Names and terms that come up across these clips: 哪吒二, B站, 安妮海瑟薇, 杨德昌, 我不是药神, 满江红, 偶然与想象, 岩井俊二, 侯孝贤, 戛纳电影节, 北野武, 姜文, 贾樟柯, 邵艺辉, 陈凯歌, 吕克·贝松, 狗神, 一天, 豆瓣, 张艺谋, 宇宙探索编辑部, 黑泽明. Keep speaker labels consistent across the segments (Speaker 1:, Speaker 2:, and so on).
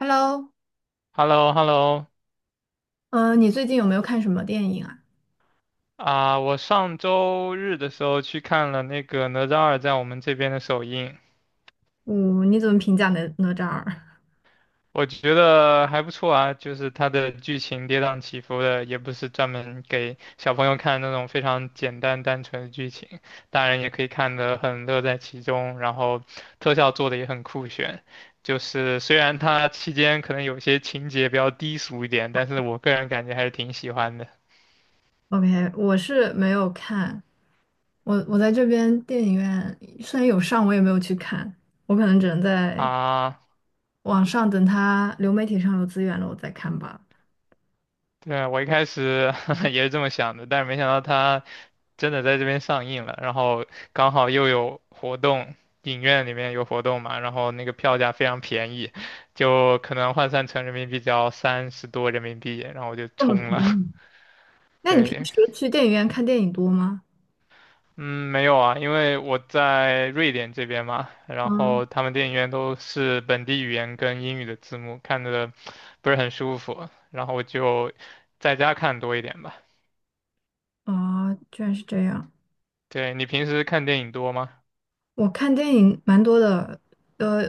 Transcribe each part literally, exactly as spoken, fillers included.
Speaker 1: Hello，
Speaker 2: h e l l o h e l l o。
Speaker 1: 嗯，你最近有没有看什么电影啊？
Speaker 2: 啊，我上周日的时候去看了那个《哪吒二》在我们这边的首映，
Speaker 1: 我，你怎么评价哪哪吒二
Speaker 2: 我觉得还不错啊，就是它的剧情跌宕起伏的，也不是专门给小朋友看那种非常简单单纯的剧情，大人也可以看得很乐在其中，然后特效做的也很酷炫。就是虽然它期间可能有些情节比较低俗一点，但是我个人感觉还是挺喜欢的
Speaker 1: ？OK，我是没有看，我我在这边电影院虽然有上，我也没有去看，我可能只能在
Speaker 2: 啊。
Speaker 1: 网上等它流媒体上有资源了，我再看吧。
Speaker 2: 对啊，我一开始 也是这么想的，但是没想到它真的在这边上映了，然后刚好又有活动，影院里面有活动嘛，然后那个票价非常便宜，就可能换算成人民币只要三十多人民币，然后我就
Speaker 1: 这么便
Speaker 2: 冲了。
Speaker 1: 宜？那你平
Speaker 2: 对，
Speaker 1: 时去电影院看电影多吗？
Speaker 2: 嗯，没有啊，因为我在瑞典这边嘛，然
Speaker 1: 嗯。
Speaker 2: 后他们电影院都是本地语言跟英语的字幕，看的不是很舒服，然后我就在家看多一点吧。
Speaker 1: 哦，居然是这样。
Speaker 2: 对，你平时看电影多吗？
Speaker 1: 我看电影蛮多的，呃，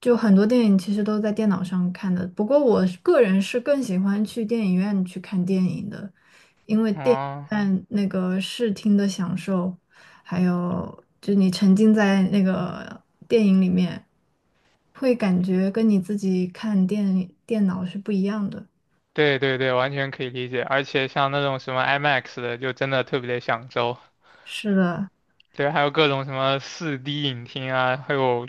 Speaker 1: 就很多电影其实都在电脑上看的。不过我是个人是更喜欢去电影院去看电影的，因为电影
Speaker 2: 哦，
Speaker 1: 院那个视听的享受，还有就你沉浸在那个电影里面，会感觉跟你自己看电电脑是不一样的。
Speaker 2: 对对对，完全可以理解。而且像那种什么 IMAX 的，就真的特别的享受。
Speaker 1: 是的，
Speaker 2: 对，还有各种什么四 d 影厅啊，还有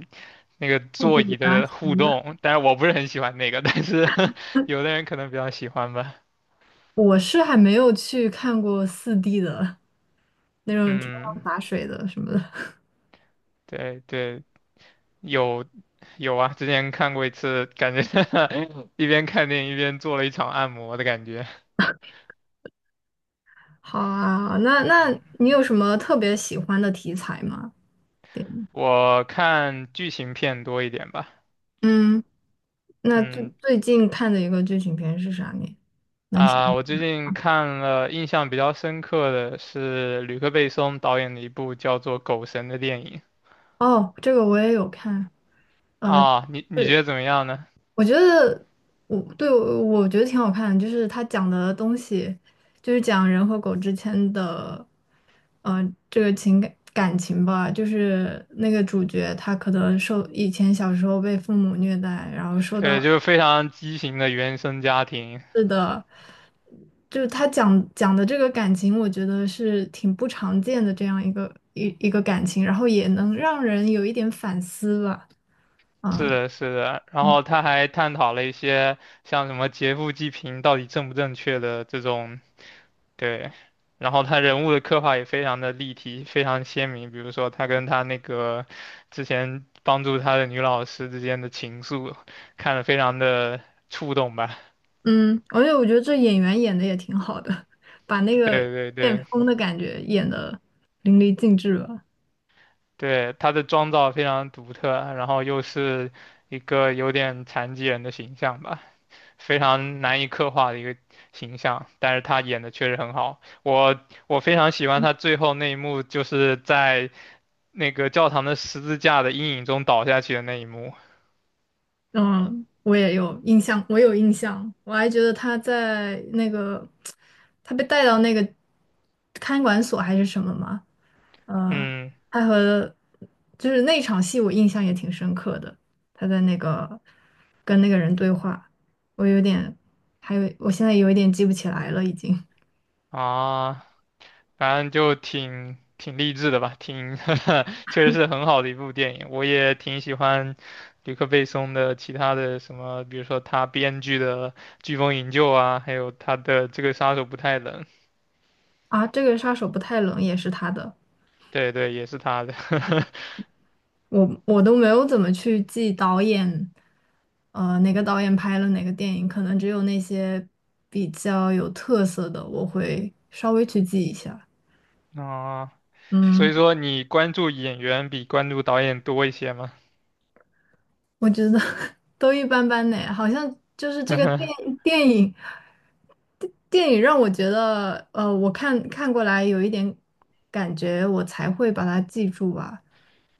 Speaker 2: 那个
Speaker 1: 复比
Speaker 2: 座椅
Speaker 1: 啊
Speaker 2: 的
Speaker 1: 什么
Speaker 2: 互
Speaker 1: 的。
Speaker 2: 动。但是我不是很喜欢那个，但是 有的人可能比较喜欢吧。
Speaker 1: 我是还没有去看过四 d 的 那种天
Speaker 2: 嗯，
Speaker 1: 上洒水的什么的。
Speaker 2: 对对，有有啊，之前看过一次，感觉 一边看电影一边做了一场按摩的感觉。
Speaker 1: 好啊，那那
Speaker 2: 嗯，
Speaker 1: 你有什么特别喜欢的题材吗？对。
Speaker 2: 我看剧情片多一点吧。
Speaker 1: 嗯，那最
Speaker 2: 嗯，
Speaker 1: 最近看的一个剧情片是啥呢？能想？
Speaker 2: 啊，我最近看了印象比较深刻的是吕克·贝松导演的一部叫做《狗神》的电影。
Speaker 1: 哦，这个我也有看。
Speaker 2: 啊，你你觉
Speaker 1: 对，
Speaker 2: 得怎么样呢？
Speaker 1: 我觉得我对我我觉得挺好看的，就是他讲的东西，就是讲人和狗之间的，呃，这个情感感情吧，就是那个主角他可能受以前小时候被父母虐待，然后受到
Speaker 2: 对，就是非常畸形的原生家庭。
Speaker 1: 是的。就是他讲讲的这个感情，我觉得是挺不常见的这样一个一一个感情，然后也能让人有一点反思吧。啊。
Speaker 2: 是的，是的，然后他还探讨了一些像什么劫富济贫到底正不正确的这种，对，然后他人物的刻画也非常的立体，非常鲜明。比如说他跟他那个之前帮助他的女老师之间的情愫，看得非常的触动吧。
Speaker 1: 嗯，而且我觉得这演员演的也挺好的，把那个
Speaker 2: 对对
Speaker 1: 变
Speaker 2: 对
Speaker 1: 疯的感觉演的淋漓尽致吧。
Speaker 2: 对，他的妆造非常独特，然后又是一个有点残疾人的形象吧，非常难以刻画的一个形象，但是他演的确实很好，我我非常喜欢他最后那一幕，就是在那个教堂的十字架的阴影中倒下去的那一幕。
Speaker 1: 嗯，我也有印象，我有印象，我还觉得他在那个 他被带到那个看管所还是什么嘛。呃，
Speaker 2: 嗯
Speaker 1: 他和就是那场戏我印象也挺深刻的，他在那个跟那个人对话，我有点，还有我现在有一点记不起来了已经。
Speaker 2: 啊，反正就挺挺励志的吧，挺 确实是很好的一部电影。我也挺喜欢吕克贝松的其他的什么，比如说他编剧的《飓风营救》啊，还有他的这个《杀手不太冷》，
Speaker 1: 啊，这个杀手不太冷也是他的。
Speaker 2: 对对，也是他的。
Speaker 1: 我我都没有怎么去记导演，呃，哪个导演拍了哪个电影，可能只有那些比较有特色的，我会稍微去记一下。
Speaker 2: 啊，所
Speaker 1: 嗯。
Speaker 2: 以说你关注演员比关注导演多一些吗？
Speaker 1: 我觉得 都一般般呢，好像就是这个电电影电影让我觉得，呃，我看看过来有一点感觉，我才会把它记住吧。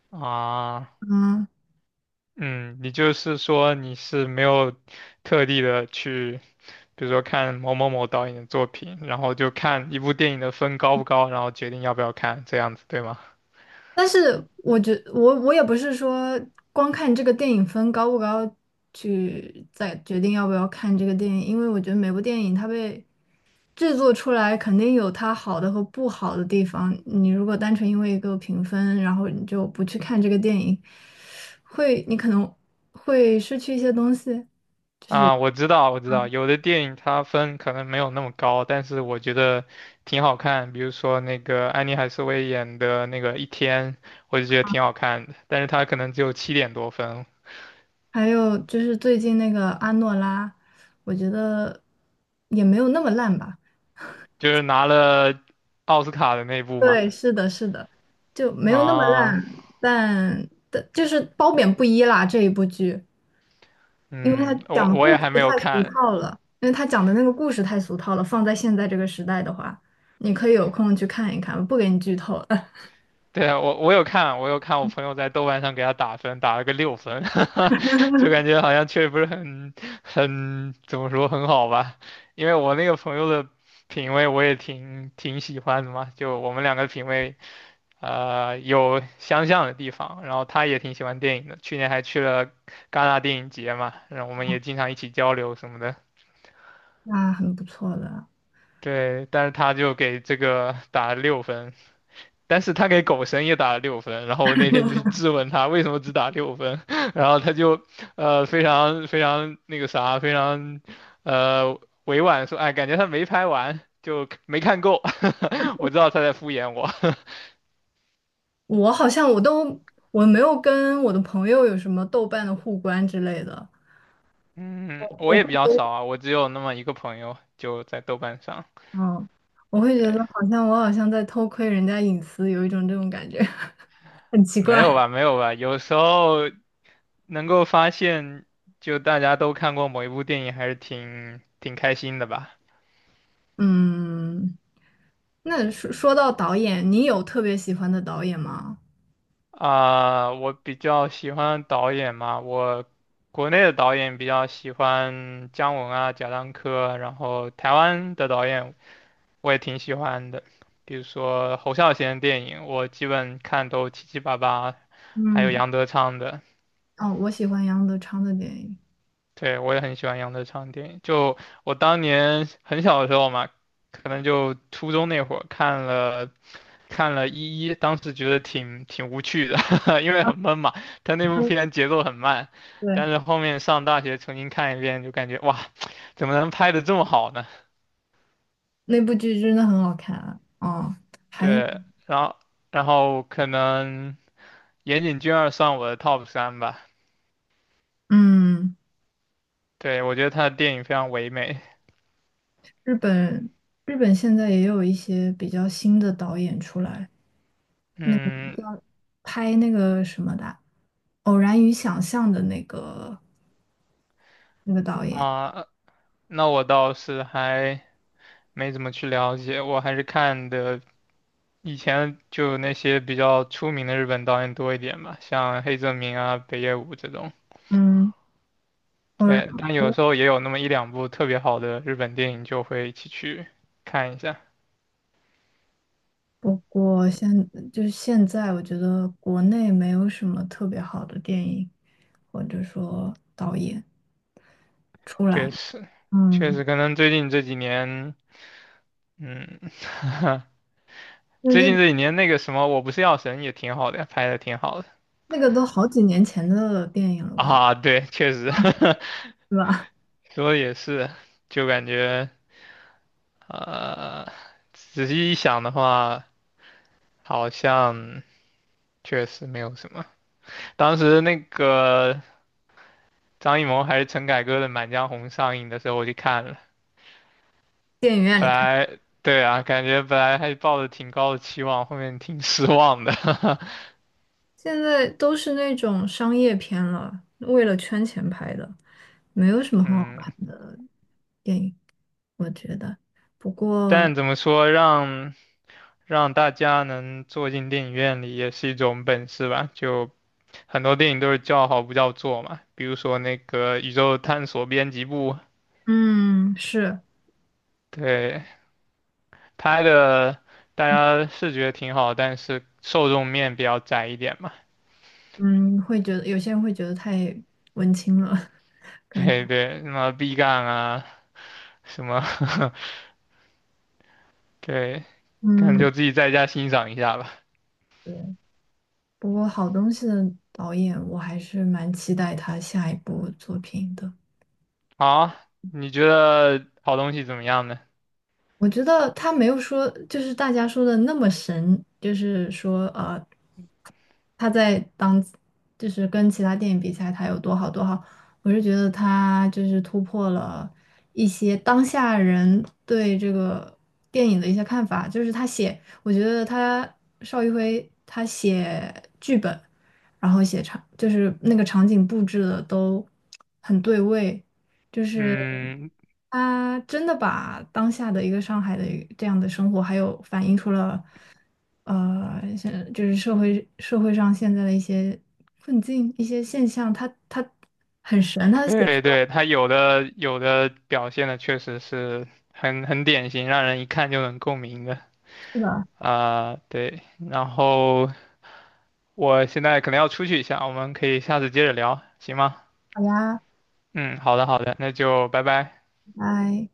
Speaker 2: 啊，
Speaker 1: 嗯，
Speaker 2: 嗯，你就是说你是没有特地的去。比如说看某某某导演的作品，然后就看一部电影的分高不高，然后决定要不要看，这样子对吗？
Speaker 1: 但是我觉我我也不是说光看这个电影分高不高去再决定要不要看这个电影，因为我觉得每部电影它被制作出来肯定有它好的和不好的地方。你如果单纯因为一个评分，然后你就不去看这个电影，会，你可能会失去一些东西。就是
Speaker 2: 啊，我知道，我知道，有的电影它分可能没有那么高，但是我觉得挺好看。比如说那个安妮海瑟薇演的那个《一天》，我就觉得挺好看的，但是它可能只有七点多分，
Speaker 1: 还有就是最近那个阿诺拉，我觉得也没有那么烂吧。
Speaker 2: 就是拿了奥斯卡的那部嘛。
Speaker 1: 对，是的，是的，就没有那么
Speaker 2: 啊，
Speaker 1: 烂，但但就是褒贬不一啦。这一部剧，因为他
Speaker 2: 嗯，我
Speaker 1: 讲的
Speaker 2: 我
Speaker 1: 故
Speaker 2: 也
Speaker 1: 事
Speaker 2: 还没有
Speaker 1: 太俗
Speaker 2: 看，
Speaker 1: 套了，因为他讲的那个故事太俗套了，放在现在这个时代的话，你可以有空去看一看，不给你剧透了，
Speaker 2: 对啊，我我有看，我有看我朋友在豆瓣上给他打分，打了个六分，就感觉好像确实不是很很怎么说很好吧，因为我那个朋友的品味我也挺挺喜欢的嘛，就我们两个品味呃有相像的地方，然后他也挺喜欢电影的，去年还去了戛纳电影节嘛，然后我们也经常一起交流什么的，
Speaker 1: 那很不错的。
Speaker 2: 对，但是他就给这个打了六分，但是他给狗神也打了六分，然后我那天就去质问他为什么只打六分，然后他就呃非常非常那个啥，非常呃委婉说，哎，感觉他没拍完，就没看够。我知道他在敷衍我。
Speaker 1: 我好像我都我没有跟我的朋友有什么豆瓣的互关之类的，
Speaker 2: 嗯，我
Speaker 1: 我
Speaker 2: 也
Speaker 1: 会
Speaker 2: 比
Speaker 1: 觉
Speaker 2: 较
Speaker 1: 得，
Speaker 2: 少啊，我只有那么一个朋友，就在豆瓣上。
Speaker 1: 嗯，我会觉得
Speaker 2: 对，
Speaker 1: 好像我好像在偷窥人家隐私，有一种这种感觉，很奇
Speaker 2: 没有
Speaker 1: 怪。
Speaker 2: 吧，没有吧，有时候能够发现，就大家都看过某一部电影，还是挺挺开心的吧。
Speaker 1: 嗯，那说说到导演，你有特别喜欢的导演吗？
Speaker 2: 啊，我比较喜欢导演嘛，我国内的导演比较喜欢姜文啊、贾樟柯，然后台湾的导演我也挺喜欢的，比如说侯孝贤的电影，我基本看都七七八八，还有
Speaker 1: 嗯。
Speaker 2: 杨德昌的，
Speaker 1: 哦，我喜欢杨德昌的电影。
Speaker 2: 对，我也很喜欢杨德昌的电影。就我当年很小的时候嘛，可能就初中那会儿看了看了一一，当时觉得挺挺无趣的，因为很闷嘛。他那部片节奏很慢，
Speaker 1: 对，
Speaker 2: 但是后面上大学重新看一遍，就感觉哇，怎么能拍的这么好呢？
Speaker 1: 那部剧真的很好看啊！哦，还
Speaker 2: 对，然后然后可能岩井俊二算我的 top 三吧。
Speaker 1: 嗯，
Speaker 2: 对，我觉得他的电影非常唯美。
Speaker 1: 日本日本现在也有一些比较新的导演出来
Speaker 2: 嗯
Speaker 1: 拍那个什么的啊《偶然与想象》的那个那个导演，
Speaker 2: 啊，那我倒是还没怎么去了解，我还是看的。以前就那些比较出名的日本导演多一点吧，像黑泽明啊、北野武这种。
Speaker 1: 嗯，偶然。
Speaker 2: 对，但有时候也有那么一两部特别好的日本电影，就会一起去看一下。
Speaker 1: 不过现就是现在，我觉得国内没有什么特别好的电影或者说导演出
Speaker 2: 确
Speaker 1: 来。
Speaker 2: 实，确
Speaker 1: 嗯，
Speaker 2: 实，可能最近这几年，嗯，
Speaker 1: 那
Speaker 2: 最
Speaker 1: 这
Speaker 2: 近这几年那个什么，我不是药神也挺好的，拍的挺好的
Speaker 1: 那个都好几年前的电影了吧，
Speaker 2: 啊。对，确实，
Speaker 1: 是吧？
Speaker 2: 说的也是，就感觉呃，仔细一想的话，好像确实没有什么。当时那个张艺谋还是陈凯歌的《满江红》上映的时候，我去看了。本来对啊，感觉本来还抱着挺高的期望，后面挺失望的。
Speaker 1: 现在都是那种商业片了，为了圈钱拍的，没有什么很好
Speaker 2: 嗯，
Speaker 1: 看的电影，我觉得。不过，
Speaker 2: 但怎么说，让让大家能坐进电影院里也是一种本事吧。就很多电影都是叫好不叫座嘛，比如说那个《宇宙探索编辑部》，
Speaker 1: 嗯，是，
Speaker 2: 对，拍的大家是觉得挺好，但是受众面比较窄一点嘛。
Speaker 1: 嗯，会觉得有些人会觉得太文青了，可能
Speaker 2: 对
Speaker 1: 看
Speaker 2: 对，什么 B 站啊，什么，对，可能
Speaker 1: 嗯，
Speaker 2: 就自己在家欣赏一下吧。
Speaker 1: 对。不过，好东西的导演，我还是蛮期待他下一部作品的。
Speaker 2: 好，你觉得好东西怎么样呢？
Speaker 1: 我觉得他没有说，就是大家说的那么神，就是说，呃，他在当，就是跟其他电影比起来，他有多好多好。我是觉得他就是突破了一些当下人对这个电影的一些看法，就是他写，我觉得他邵艺辉他写剧本，然后写场，就是那个场景布置的都很对位，就是。
Speaker 2: 嗯，
Speaker 1: 他真的把当下的一个上海的一个这样的生活，还有反映出了，呃，现就是社会社会上现在的一些困境、一些现象，他他很神，他的写
Speaker 2: 对对，它有的有的表现的确实是很很典型，让人一看就能共鸣的
Speaker 1: 是的。
Speaker 2: 啊，对。然后我现在可能要出去一下，我们可以下次接着聊，行吗？
Speaker 1: 好呀，
Speaker 2: 嗯，好的好的，那就拜拜。
Speaker 1: 拜拜。